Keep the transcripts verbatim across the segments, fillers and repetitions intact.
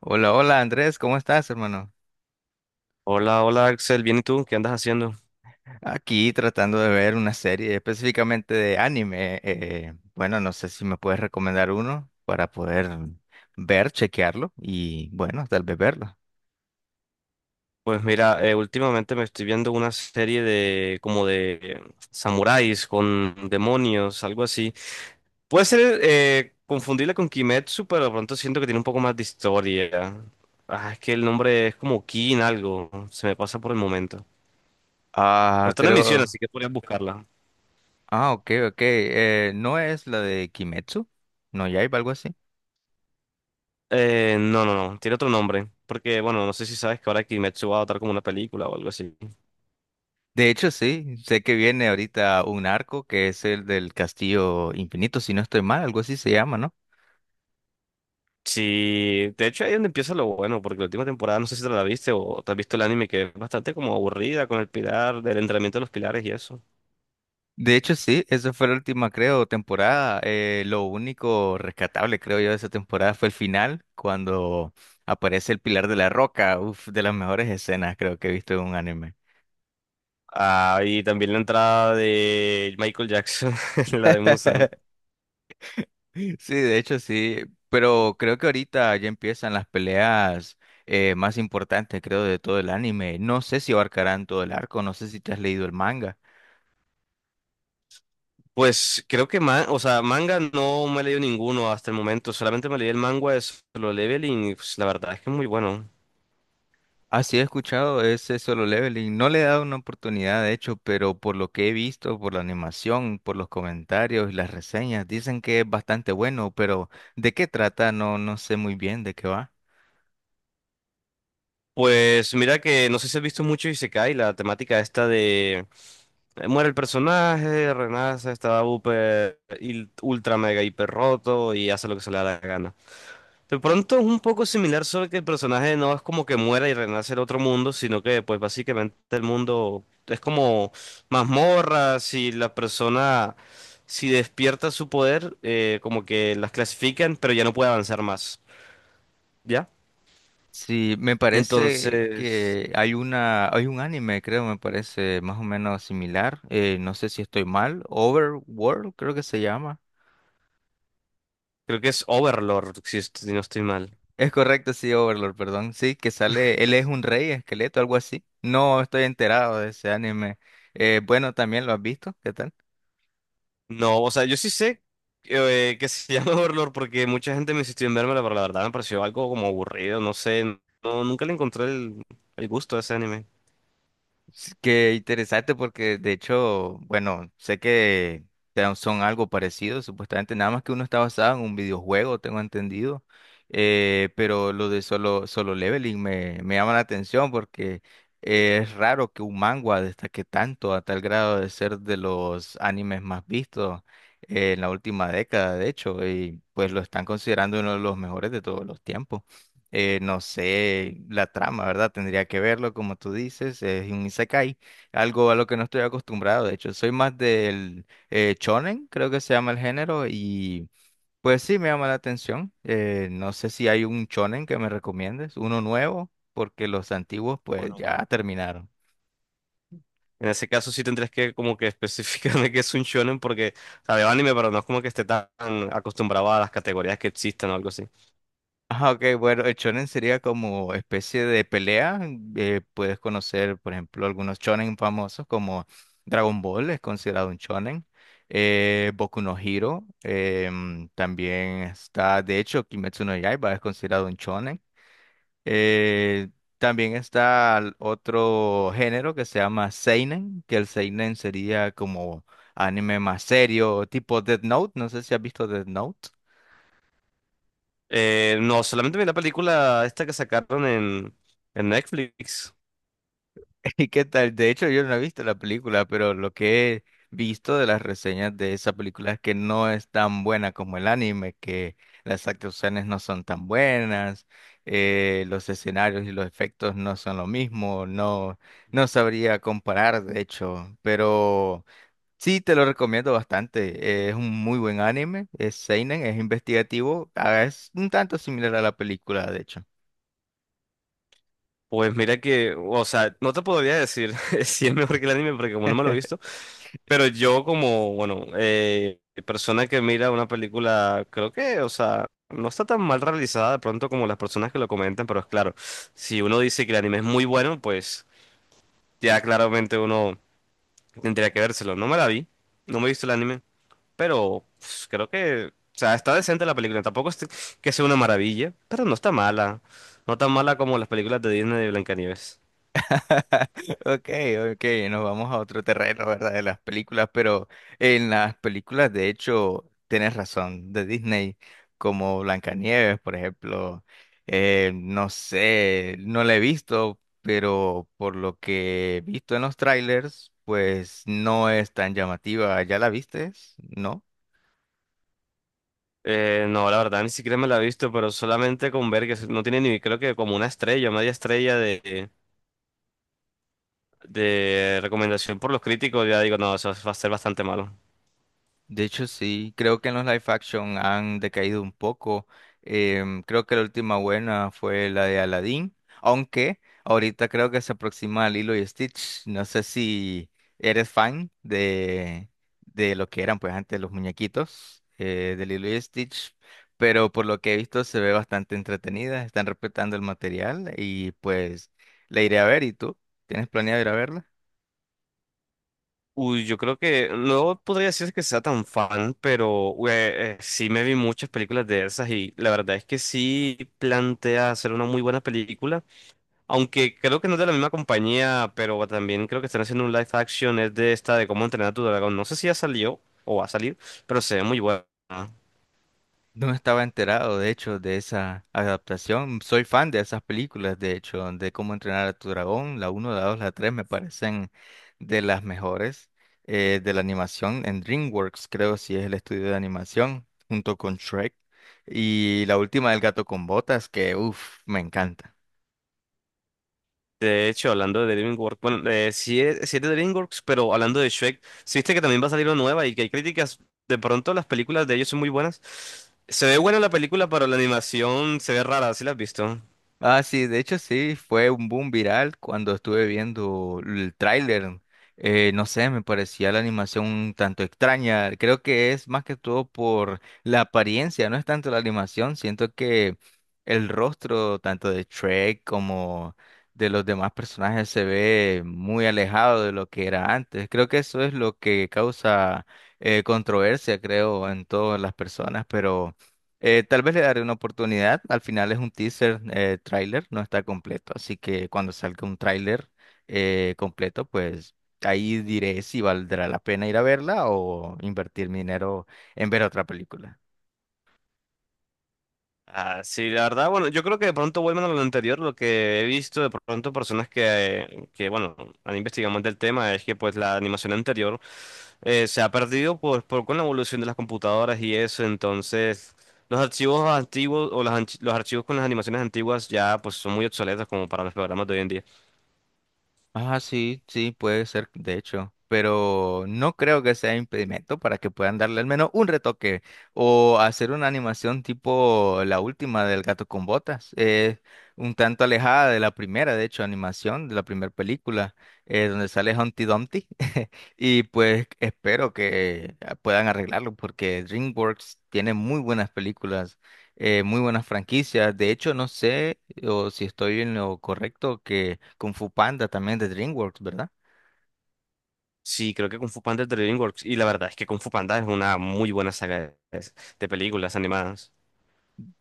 Hola, hola Andrés, ¿cómo estás, hermano? Hola, hola Axel, ¿bien y tú? ¿Qué andas haciendo? Aquí tratando de ver una serie específicamente de anime. eh, bueno, no sé si me puedes recomendar uno para poder ver, chequearlo y bueno, tal vez verlo. Pues mira, eh, últimamente me estoy viendo una serie de como de eh, samuráis con demonios, algo así. Puede ser eh, confundible con Kimetsu, pero de pronto siento que tiene un poco más de historia. Ah, es que el nombre es como Kin algo, se me pasa por el momento. Pero Ah, está en emisión, creo. así que podrías buscarla. Ah, ok, ok. Eh, ¿no es la de Kimetsu? ¿No Yaiba, algo así? Eh, no, no, no, tiene otro nombre, porque bueno, no sé si sabes que ahora Kimetsu va a adaptar como una película o algo así. De hecho, sí. Sé que viene ahorita un arco que es el del Castillo Infinito, si no estoy mal, algo así se llama, ¿no? Sí, de hecho ahí es donde empieza lo bueno, porque la última temporada, no sé si te la viste o te has visto el anime, que es bastante como aburrida con el pilar, del entrenamiento de los pilares y eso. De hecho, sí, eso fue la última, creo, temporada. Eh, lo único rescatable, creo yo, de esa temporada fue el final, cuando aparece el Pilar de la Roca. Uf, de las mejores escenas, creo que he visto en un anime. Ah, y también la entrada de Michael Jackson, la de Musan. Sí, de hecho, sí. Pero creo que ahorita ya empiezan las peleas eh, más importantes, creo, de todo el anime. No sé si abarcarán todo el arco, no sé si te has leído el manga. Pues creo que, ma- o sea, manga no me he leído ninguno hasta el momento, solamente me leí el manga de Solo Leveling y pues, la verdad es que es muy bueno. Así he escuchado ese Solo Leveling. No le he dado una oportunidad, de hecho, pero por lo que he visto, por la animación, por los comentarios y las reseñas, dicen que es bastante bueno, pero ¿de qué trata? No, no sé muy bien de qué va. Pues mira que no sé si has visto mucho Isekai, la temática esta de eh, muere el personaje, renace, está upe- il- ultra mega hiper roto y hace lo que se le da la gana. De pronto es un poco similar, solo que el personaje no es como que muera y renace en otro mundo, sino que pues básicamente el mundo es como mazmorras si la persona si despierta su poder, eh, como que las clasifican, pero ya no puede avanzar más, ¿ya? Sí, me parece Entonces... que hay una, hay un anime, creo, me parece más o menos similar. Eh, no sé si estoy mal. Overworld, creo que se llama. Creo que es Overlord, si, est- si no estoy mal. Es correcto, sí, Overlord, perdón. Sí, que sale, él es un rey esqueleto, algo así. No estoy enterado de ese anime. Eh, bueno, también lo has visto, ¿qué tal? No, o sea, yo sí sé eh, que se llama Overlord porque mucha gente me insistió en vérmela, pero la verdad me pareció algo como aburrido, no sé. No, nunca le encontré el, el gusto a ese anime. Sí, qué interesante porque de hecho, bueno, sé que te- son algo parecido, supuestamente, nada más que uno está basado en un videojuego, tengo entendido, eh, pero lo de solo, solo leveling me, me llama la atención porque eh, es raro que un manga destaque tanto a tal grado de ser de los animes más vistos eh, en la última década, de hecho, y pues lo están considerando uno de los mejores de todos los tiempos. Eh, no sé, la trama, ¿verdad? Tendría que verlo, como tú dices, es un isekai, algo a lo que no estoy acostumbrado, de hecho, soy más del eh, shonen, creo que se llama el género, y pues sí, me llama la atención. Eh, no sé si hay un shonen que me recomiendes, uno nuevo, porque los antiguos pues Bueno, ya terminaron. en ese caso sí tendrías que como que especificarme que es un shonen porque, o sea, veo anime, pero no es como que esté tan acostumbrado a las categorías que existan o algo así. Ah, ok, bueno, el shonen sería como especie de pelea. Eh, puedes conocer, por ejemplo, algunos shonen famosos como Dragon Ball, es considerado un shonen. eh, Boku no Hero em, también está, de hecho, Kimetsu no Yaiba es considerado un shonen. Eh, también está el otro género que se llama seinen, que el seinen sería como anime más serio, tipo Death Note. No sé si has visto Death Note. Eh, no, solamente vi la película esta que sacaron en, en Netflix. ¿Y qué tal? De hecho, yo no he visto la película, pero lo que he visto de las reseñas de esa película es que no es tan buena como el anime, que las actuaciones no son tan buenas, eh, los escenarios y los efectos no son lo mismo, no, no sabría comparar, de hecho, pero sí te lo recomiendo bastante. Eh, es un muy buen anime, es seinen, es investigativo, ah, es un tanto similar a la película, de hecho. Pues mira que, o sea, no te podría decir si es mejor que el anime porque como no me lo he visto, pero yo como, bueno, eh, persona que mira una película, creo que, o sea, no está tan mal realizada de pronto como las personas que lo comentan, pero es claro, si uno dice que el anime es muy bueno, pues ya claramente uno tendría que vérselo. No me la vi, no me he visto el anime, pero pues, creo que, o sea, está decente la película, tampoco es que sea una maravilla, pero no está mala, no tan mala como las películas de Disney de Blancanieves. Ok, ok, nos vamos a otro terreno, ¿verdad? De las películas, pero en las películas, de hecho, tienes razón, de Disney, como Blancanieves, por ejemplo, eh, no sé, no la he visto, pero por lo que he visto en los trailers, pues no es tan llamativa. ¿Ya la viste? ¿No? Eh, no, la verdad, ni siquiera me la he visto, pero solamente con ver que no tiene ni, creo que como una estrella, media estrella de, de recomendación por los críticos, ya digo, no, eso va a ser bastante malo. De hecho, sí, creo que en los live action han decaído un poco. Em, creo que la última buena fue la de Aladdin, aunque ahorita creo que se aproxima a Lilo y Stitch. No sé si eres fan de, de lo que eran pues antes los muñequitos eh, de Lilo y Stitch, pero por lo que he visto se ve bastante entretenida, están respetando el material y pues la iré a ver. ¿Y tú? ¿Tienes planeado ir a verla? Uy, yo creo que no podría decir que sea tan fan, pero ué, eh, eh, sí me vi muchas películas de esas y la verdad es que sí plantea hacer una muy buena película, aunque creo que no es de la misma compañía, pero también creo que están haciendo un live action, es de esta de cómo entrenar a tu dragón. No sé si ya salió o va a salir, pero se ve muy buena. No estaba enterado, de hecho, de esa adaptación. Soy fan de esas películas, de hecho, de Cómo entrenar a tu dragón. La uno, la dos, la tres me parecen de las mejores eh, de la animación en DreamWorks, creo, si es el estudio de animación, junto con Shrek. Y la última del gato con botas, que uff, me encanta. De hecho, hablando de DreamWorks, bueno, eh, sí, es, sí es de DreamWorks, pero hablando de Shrek, sí viste que también va a salir una nueva y que hay críticas. De pronto las películas de ellos son muy buenas. Se ve buena la película, pero la animación se ve rara, ¿sí la has visto? Ah, sí, de hecho sí, fue un boom viral cuando estuve viendo el tráiler. Eh, no sé, me parecía la animación un tanto extraña. Creo que es más que todo por la apariencia, no es tanto la animación. Siento que el rostro tanto de Shrek como de los demás personajes se ve muy alejado de lo que era antes. Creo que eso es lo que causa eh, controversia, creo, en todas las personas, pero... Eh, tal vez le daré una oportunidad. Al final es un teaser, eh, tráiler, no está completo. Así que cuando salga un tráiler eh, completo, pues ahí diré si valdrá la pena ir a verla o invertir mi dinero en ver otra película. Ah, sí, la verdad, bueno, yo creo que de pronto vuelven a lo anterior, lo que he visto de pronto personas que, que bueno, han investigado más del tema es que pues la animación anterior eh, se ha perdido pues por, con la evolución de las computadoras y eso, entonces los archivos antiguos o las anch- los archivos con las animaciones antiguas ya pues son muy obsoletos como para los programas de hoy en día. Ah, sí, sí, puede ser, de hecho, pero no creo que sea impedimento para que puedan darle al menos un retoque o hacer una animación tipo la última del gato con botas, eh, un tanto alejada de la primera, de hecho, animación de la primera película, eh, donde sale Humpty Dumpty, y pues espero que eh, puedan arreglarlo porque DreamWorks tiene muy buenas películas, eh, muy buenas franquicias. De hecho, no sé o si estoy en lo correcto que Kung Fu Panda también de DreamWorks, ¿verdad? Sí, creo que Kung Fu Panda es de DreamWorks y la verdad es que Kung Fu Panda es una muy buena saga de de películas animadas.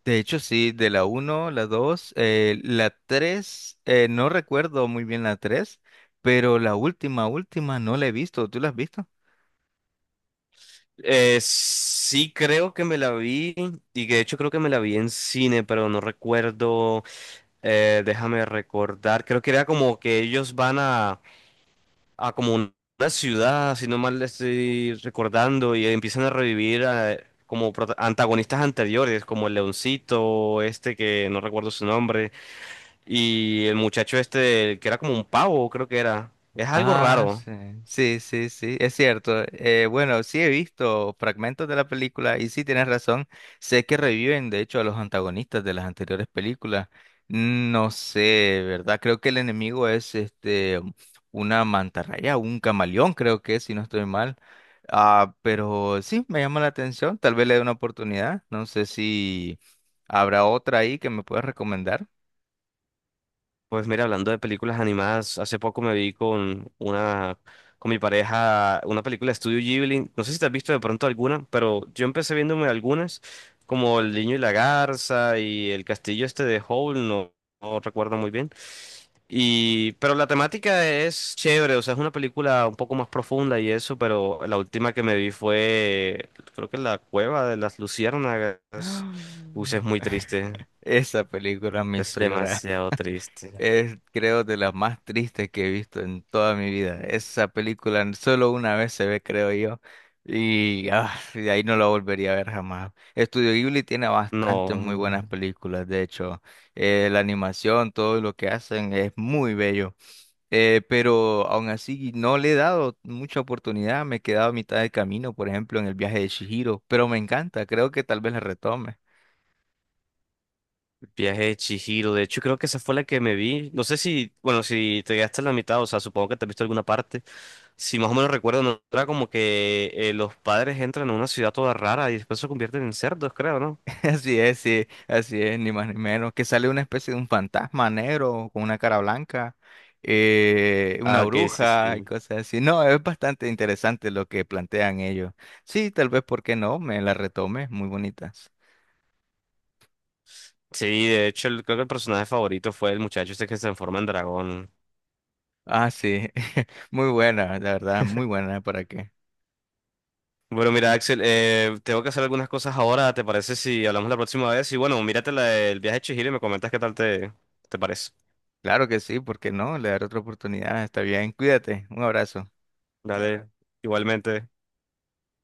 De hecho, sí, de la uno, la dos, eh, la tres, eh, no recuerdo muy bien la tres, pero la última, última no la he visto. ¿Tú la has visto? Eh, sí, creo que me la vi y que de hecho creo que me la vi en cine, pero no recuerdo, eh, déjame recordar, creo que era como que ellos van a, a como un- una ciudad, si no mal estoy recordando, y empiezan a revivir eh, como prota- antagonistas anteriores, como el leoncito, este que no recuerdo su nombre, y el muchacho este que era como un pavo, creo que era. Es algo Ah, raro. sí, sí, sí, sí, es cierto. Eh, bueno, sí he visto fragmentos de la película y sí tienes razón. Sé que reviven, de hecho, a los antagonistas de las anteriores películas. No sé, ¿verdad? Creo que el enemigo es este una mantarraya, un camaleón, creo que, es, si no estoy mal. Ah, pero sí, me llama la atención. Tal vez le dé una oportunidad. No sé si habrá otra ahí que me puedas recomendar. Pues mira, hablando de películas animadas, hace poco me vi con una, con mi pareja, una película de Studio Ghibli. No sé si te has visto de pronto alguna, pero yo empecé viéndome algunas, como El Niño y la Garza y El Castillo este de Howl, no, no recuerdo muy bien. Y, pero la temática es chévere, o sea, es una película un poco más profunda y eso, pero la última que me vi fue, creo que La Cueva de las Luciérnagas. Uy, es muy triste, Esa película me es hizo llorar. demasiado triste. Es, creo, de las más tristes que he visto en toda mi vida. Esa película solo una vez se ve, creo yo. Y ah, de ahí no la volvería a ver jamás. Estudio Ghibli tiene bastantes muy No, buenas películas. De hecho, Eh, la animación, todo lo que hacen es muy bello. Eh, pero aún así no le he dado mucha oportunidad. Me he quedado a mitad de camino, por ejemplo, en el viaje de Chihiro. Pero me encanta. Creo que tal vez la retome. viaje de Chihiro. De hecho, creo que esa fue la que me vi. No sé si, bueno, si te quedaste en la mitad, o sea, supongo que te has visto alguna parte. Si más o menos recuerdo, no era como que eh, los padres entran a una ciudad toda rara y después se convierten en cerdos, creo, ¿no? Así es, sí, así es, ni más ni menos. Que sale una especie de un fantasma negro con una cara blanca, eh, una Ah, que sí, bruja y sí. cosas así. No, es bastante interesante lo que plantean ellos. Sí, tal vez, ¿por qué no? Me la retome, muy bonitas. Sí, de hecho, el- creo que el personaje favorito fue el muchacho este que se transforma en dragón. Ah, sí, muy buena, la verdad, muy buena, ¿para qué? Bueno, mira, Axel, eh, tengo que hacer algunas cosas ahora. ¿Te parece si hablamos la próxima vez? Y bueno, mírate la del viaje de Chihiro y me comentas qué tal te, te parece. Claro que sí, ¿por qué no? Le daré otra oportunidad, está bien. Cuídate, un abrazo. Dale, igualmente.